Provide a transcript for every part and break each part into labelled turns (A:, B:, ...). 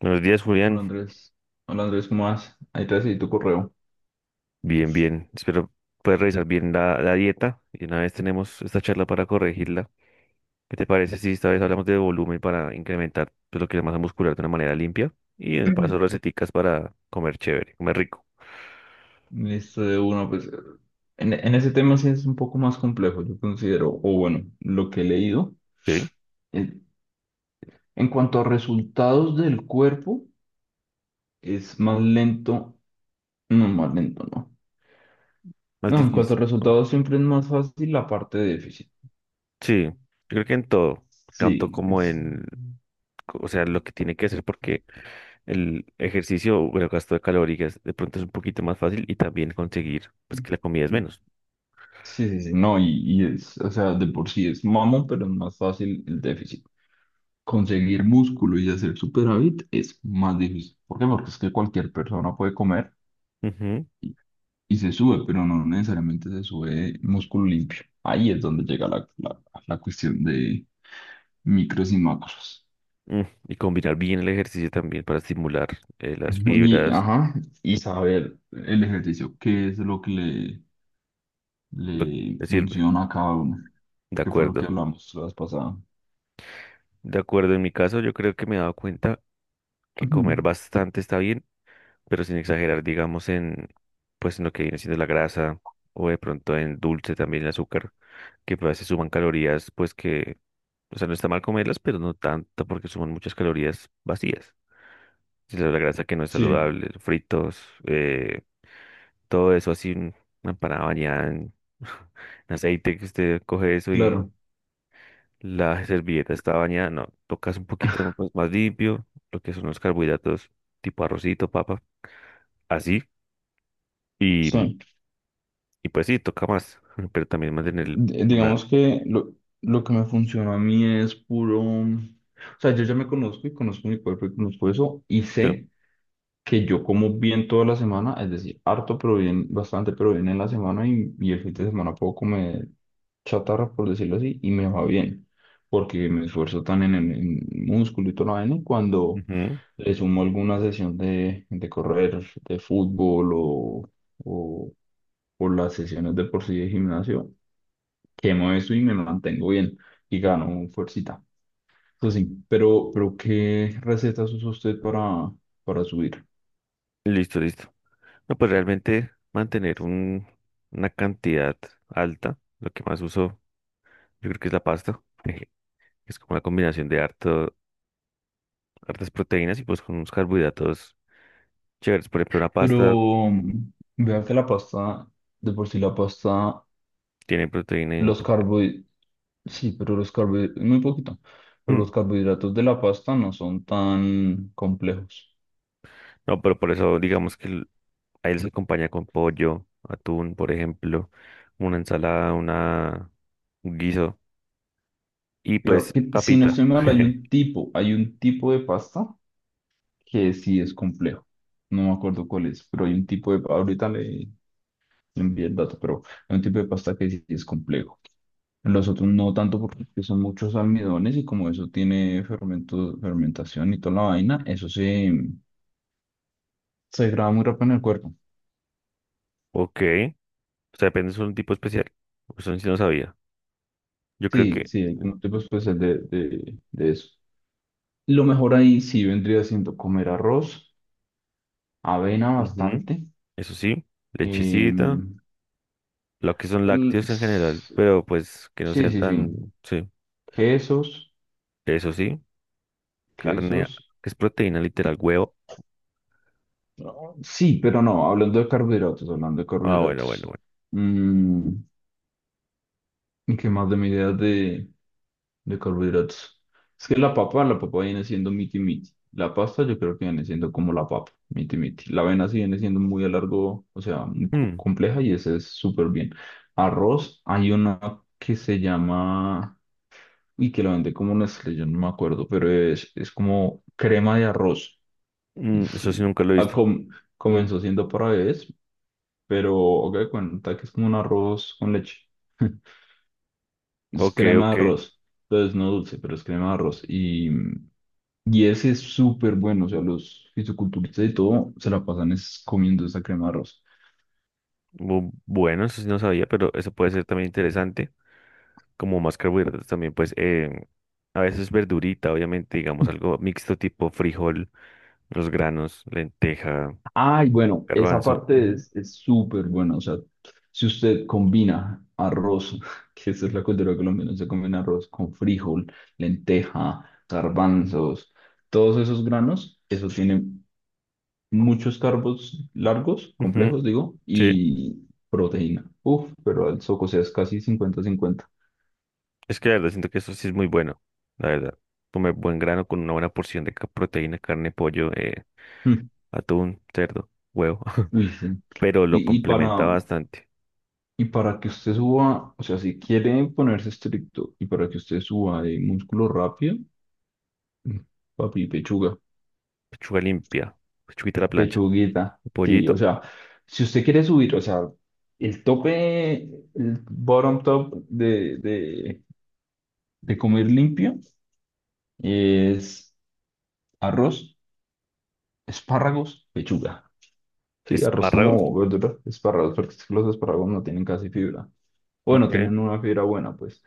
A: Buenos días,
B: Hola
A: Julián.
B: Andrés, hola Andrés, ¿cómo vas? Ahí te recibí tu correo.
A: Bien, bien. Espero puedas revisar bien la dieta y una vez tenemos esta charla para corregirla. ¿Qué te parece si esta vez hablamos de volumen para incrementar pues, lo que es la masa muscular de una manera limpia? Y en el paso receticas para comer chévere, comer rico.
B: Listo, de uno, pues en ese tema sí es un poco más complejo. Yo considero, o bueno, lo que he leído.
A: Sí,
B: En, en cuanto a resultados del cuerpo, es más lento, no, más lento, no.
A: más
B: No, en cuanto a
A: difícil, ¿no?
B: resultados siempre es más fácil la parte de déficit.
A: Sí, yo creo que en todo, tanto
B: Sí,
A: como en, o sea, lo que tiene que hacer porque el ejercicio o el gasto de calorías de pronto es un poquito más fácil y también conseguir pues
B: sí,
A: que la comida es menos.
B: sí, sí, no, y es, o sea, de por sí es mamón, pero es más fácil el déficit. Conseguir músculo y hacer superávit es más difícil. ¿Por qué? Porque es que cualquier persona puede comer
A: Ujú.
B: y se sube, pero no necesariamente se sube músculo limpio. Ahí es donde llega la cuestión de micros y macros.
A: Mm, Y combinar bien el ejercicio también para estimular las
B: Y,
A: fibras.
B: ajá, y saber el ejercicio, qué es lo que le,
A: Lo
B: le
A: que sirve.
B: funciona a cada uno,
A: De
B: que fue lo que
A: acuerdo.
B: hablamos la vez pasada.
A: De acuerdo, en mi caso yo creo que me he dado cuenta que comer
B: Ujú.
A: bastante está bien, pero sin exagerar, digamos, en pues en lo que viene siendo la grasa o de pronto en dulce también el azúcar, que pues, a veces suman calorías, pues que, o sea, no está mal comerlas, pero no tanto porque suman muchas calorías vacías. Si la grasa que no es
B: Sí,
A: saludable, fritos, todo eso así, en una empanada bañada en, en aceite, que usted coge eso y
B: claro.
A: la servilleta está bañada, no, tocas un poquito pues, más limpio, lo que son los carbohidratos tipo arrocito, papa, así, y,
B: Sí.
A: y pues sí, toca más, pero también mantener
B: di-
A: una...
B: digamos que lo que me funcionó a mí es puro. O sea, yo ya me conozco y conozco mi cuerpo y conozco eso, y
A: yo-
B: sé que yo como bien toda la semana, es decir, harto pero bien, bastante pero bien en la semana, y el fin de semana puedo comer chatarra, por decirlo así, y me va bien, porque me esfuerzo tan en el en músculo y toda la vaina, y cuando
A: Ujú.
B: le sumo alguna sesión de correr, de fútbol o, o las sesiones de por sí de gimnasio, quemo eso y me mantengo bien y gano fuercita. Eso sí, pero, ¿qué recetas usa usted para subir?
A: Listo, listo. No, pues realmente mantener un, una cantidad alta, lo que más uso, yo creo que es la pasta, que es como una combinación de harto, hartas proteínas y pues con unos carbohidratos chéveres. Por ejemplo, una pasta
B: Pero vea que la pasta, de por sí la pasta,
A: tiene proteína. Y
B: los carbohidratos, sí, pero los carbohidratos, muy poquito, pero
A: mm,
B: los carbohidratos de la pasta no son tan complejos.
A: no, pero por eso digamos que a él se acompaña con pollo, atún, por ejemplo, una ensalada, una, un guiso y
B: Claro,
A: pues
B: que si no
A: papita.
B: estoy mal, hay un tipo, hay un tipo de pasta que sí es complejo. No me acuerdo cuál es, pero hay un tipo de, ahorita le envía el dato, pero hay un tipo de pasta que sí es complejo. Los otros no tanto, porque son muchos almidones y como eso tiene fermento, fermentación y toda la vaina, eso se degrada muy rápido en el cuerpo.
A: Ok, o sea, depende, es un tipo especial. Eso sí no sabía. Yo creo que,
B: Sí, sí, hay como tipos especial de eso. Lo mejor ahí sí vendría siendo comer arroz, avena
A: ujú,
B: bastante.
A: eso sí, lechecita,
B: em,
A: lo que son
B: el-
A: lácteos en general, pero pues que no
B: sí,
A: sean
B: sí,
A: tan,
B: sí.
A: sí,
B: Quesos,
A: eso sí, carne,
B: quesos.
A: que es proteína literal, huevo.
B: No, sí, pero no, hablando de carbohidratos, hablando de
A: Ah, bueno, bueno,
B: carbohidratos.
A: bueno.
B: mm, ¿Y qué más de mi idea de carbohidratos? Es que la papa viene siendo miti miti. La pasta yo creo que viene siendo como la papa, miti miti. La avena sí viene siendo muy a largo, o sea, muy
A: Mm,
B: compleja, y ese es súper bien. Arroz, hay una que se llama, y que la vende como Nestlé, yo no me acuerdo, pero es como crema de arroz.
A: mm,
B: Es-
A: eso sí nunca lo he
B: ah,
A: visto.
B: com- comenzó siendo para bebés, pero haga de cuenta que es como un arroz con leche. Es
A: Ok,
B: crema de
A: ok.
B: arroz. Entonces no dulce, pero es crema de arroz. Y ese es súper bueno. O sea, los fisiculturistas y todo se la pasan es comiendo esa crema de arroz.
A: Bu- bueno, eso sí no sabía, pero eso puede ser también interesante. Como más carbohidratos también, pues a veces verdurita, obviamente, digamos algo mixto tipo frijol, los granos, lenteja,
B: Ay, bueno, esa
A: garbanzo.
B: parte
A: Ujú.
B: es súper buena. O sea, si usted combina arroz, que esa es la cultura colombiana, se combina arroz con frijol, lenteja, garbanzos, todos esos granos, eso tiene muchos carbos largos,
A: Ujú,
B: complejos, digo,
A: sí,
B: y proteína. Uf, pero el soco, o sea, es casi 50/50.
A: es que la verdad siento que eso sí es muy bueno, la verdad. Comer buen grano con una buena porción de proteína, carne, pollo,
B: Mm,
A: atún, cerdo, huevo,
B: uy, sí.
A: pero lo
B: Y, y
A: complementa
B: para,
A: bastante.
B: y para que usted suba, o sea, si quiere ponerse estricto y para que usted suba de músculo rápido, mm, papi, pechuga,
A: Pechuga limpia, pechuguita a la plancha,
B: pechuguita. Sí, o
A: pollito,
B: sea, si usted quiere subir, o sea, el tope, el bottom top de comer limpio es arroz, espárragos, pechuga. Sí, arroz
A: espárragos.
B: como verdura, espárragos, porque es que los espárragos no tienen casi fibra. Bueno,
A: Ok.
B: tienen una fibra buena, pues.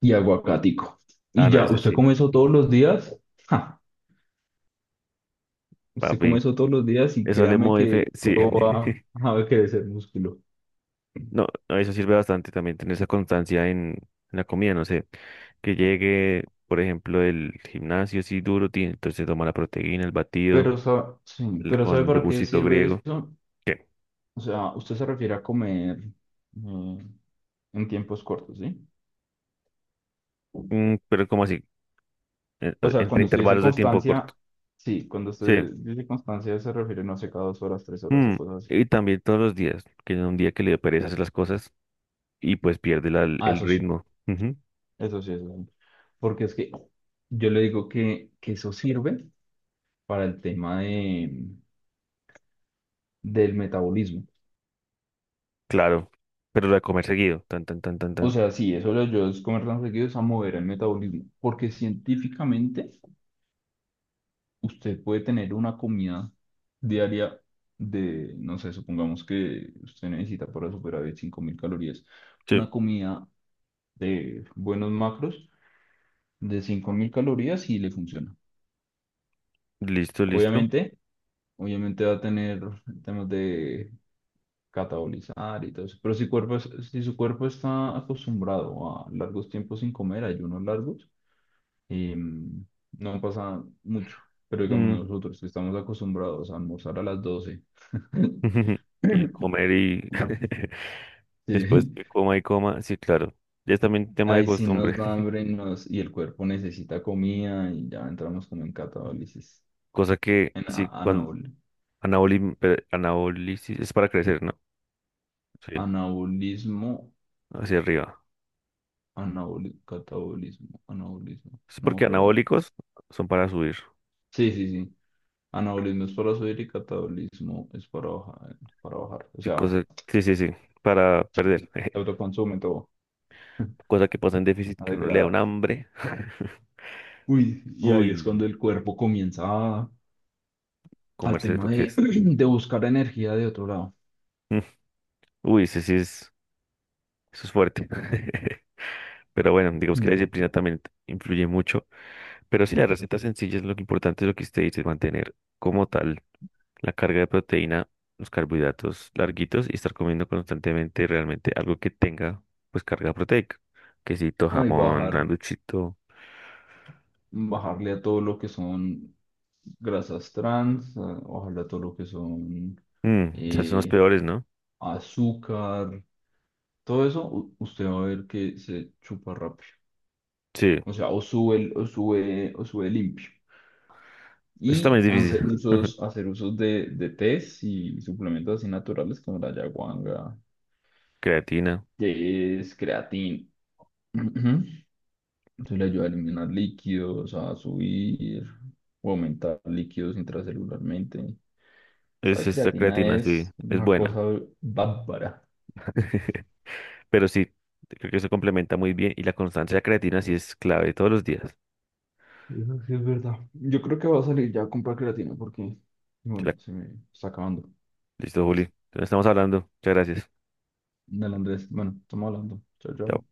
B: Y aguacatico.
A: Ah,
B: Y
A: no,
B: ya,
A: eso
B: ¿usted
A: sí,
B: come eso todos los días? Ja, usted come
A: papi.
B: eso todos los días y
A: Eso le
B: créame que
A: modifica. Sí.
B: solo va a crecer músculo.
A: No, no, eso sirve bastante también, tener esa constancia en la comida, no sé. Que llegue, por ejemplo, el gimnasio así duro, tiene, entonces toma la proteína, el batido,
B: Pero, sí, pero ¿sabe
A: con
B: para qué
A: yogurcito
B: sirve
A: griego.
B: eso?
A: ¿Qué?
B: O sea, usted se refiere a comer mm, en tiempos cortos, ¿sí?
A: Mm, pero como así,
B: O sea,
A: entre
B: cuando usted dice
A: intervalos de tiempo
B: constancia,
A: corto.
B: sí, cuando
A: Sí.
B: usted dice constancia se refiere, no sé, cada 2 horas, 3 horas o
A: Mm,
B: cosas así.
A: Y también todos los días, que es un día que le dio pereza hacer las cosas y pues pierde
B: Ah,
A: el
B: eso sí,
A: ritmo. Ujú,
B: eso sí, eso sí. Porque es que yo le digo que eso sirve para el tema del metabolismo.
A: claro. Pero la de comer seguido, tan, tan, tan, tan,
B: O
A: tan.
B: sea, sí, eso lo ayuda a comer tan seguido es a mover el metabolismo. Porque científicamente usted puede tener una comida diaria de, no sé, supongamos que usted necesita para superar 5.000 calorías,
A: Sí,
B: una comida de buenos macros de 5.000 calorías, y le funciona.
A: listo, listo.
B: Obviamente, obviamente va a tener temas de catabolizar y todo eso, pero si su cuerpo está acostumbrado a largos tiempos sin comer, ayunos largos, no pasa mucho. Pero digamos
A: Mm,
B: nosotros que estamos acostumbrados a almorzar a las 12.
A: Y comer y después
B: Sí,
A: que coma y coma, sí, claro. Ya es también tema de
B: ahí sí
A: costumbre.
B: nos da hambre, y el cuerpo necesita comida y ya entramos como en catabolisis,
A: Cosa que
B: en
A: sí, cuando anabólico anabólisis es para crecer, ¿no? Sí,
B: anabolismo.
A: hacia arriba.
B: Catabolismo, anabolismo,
A: Sí,
B: no me
A: porque
B: acuerdo.
A: anabólicos son para subir.
B: Sí, sí, sí. Anabolismo es para subir y catabolismo es para bajar, para bajar. O
A: Sí,
B: sea,
A: cosa, sí, sí, sí, para perder.
B: se autoconsume todo,
A: Cosa que pasa en déficit
B: a
A: que uno le da un
B: degradar.
A: hambre.
B: Uy, y ahí es
A: Uy,
B: cuando el cuerpo comienza al
A: comerse
B: tema
A: lo que
B: de,
A: es.
B: de buscar energía de otro lado.
A: Mm, Uy, sí, sí es, eso es fuerte. Pero bueno, digamos que la
B: Mm.
A: disciplina también influye mucho. Pero sí, la receta sencilla es lo que importante, es lo que usted dice, mantener como tal la carga de proteína, los carbohidratos larguitos y estar comiendo constantemente realmente algo que tenga pues carga proteica. Quesito,
B: No, y
A: jamón,
B: bajar,
A: randuchito.
B: bajarle a todo lo que son grasas trans, bajarle a todo lo que son
A: Mm, esas son las
B: eh,
A: peores, ¿no?
B: azúcar. Todo eso usted va a ver que se chupa rápido.
A: Sí,
B: O sea, o sube, o sube, o sube limpio.
A: eso también
B: Y
A: es difícil.
B: hacer usos de tés y suplementos así naturales como la ayahuasca,
A: Creatina.
B: que es creatina. Ujú. Eso le ayuda a eliminar líquidos, a subir o aumentar líquidos intracelularmente.
A: Es
B: Esa
A: esta
B: creatina
A: creatina, sí,
B: es
A: es
B: una
A: buena.
B: cosa bárbara.
A: Pero sí, creo que se complementa muy bien y la constancia de la creatina sí es clave todos los días.
B: Eso sí es verdad. Yo creo que va a salir ya a comprar creatina porque, bueno, se me está acabando.
A: Listo, Juli. Entonces estamos hablando. Muchas gracias.
B: Dale, Andrés. Bueno, estamos hablando. Chao, chao.
A: Chao.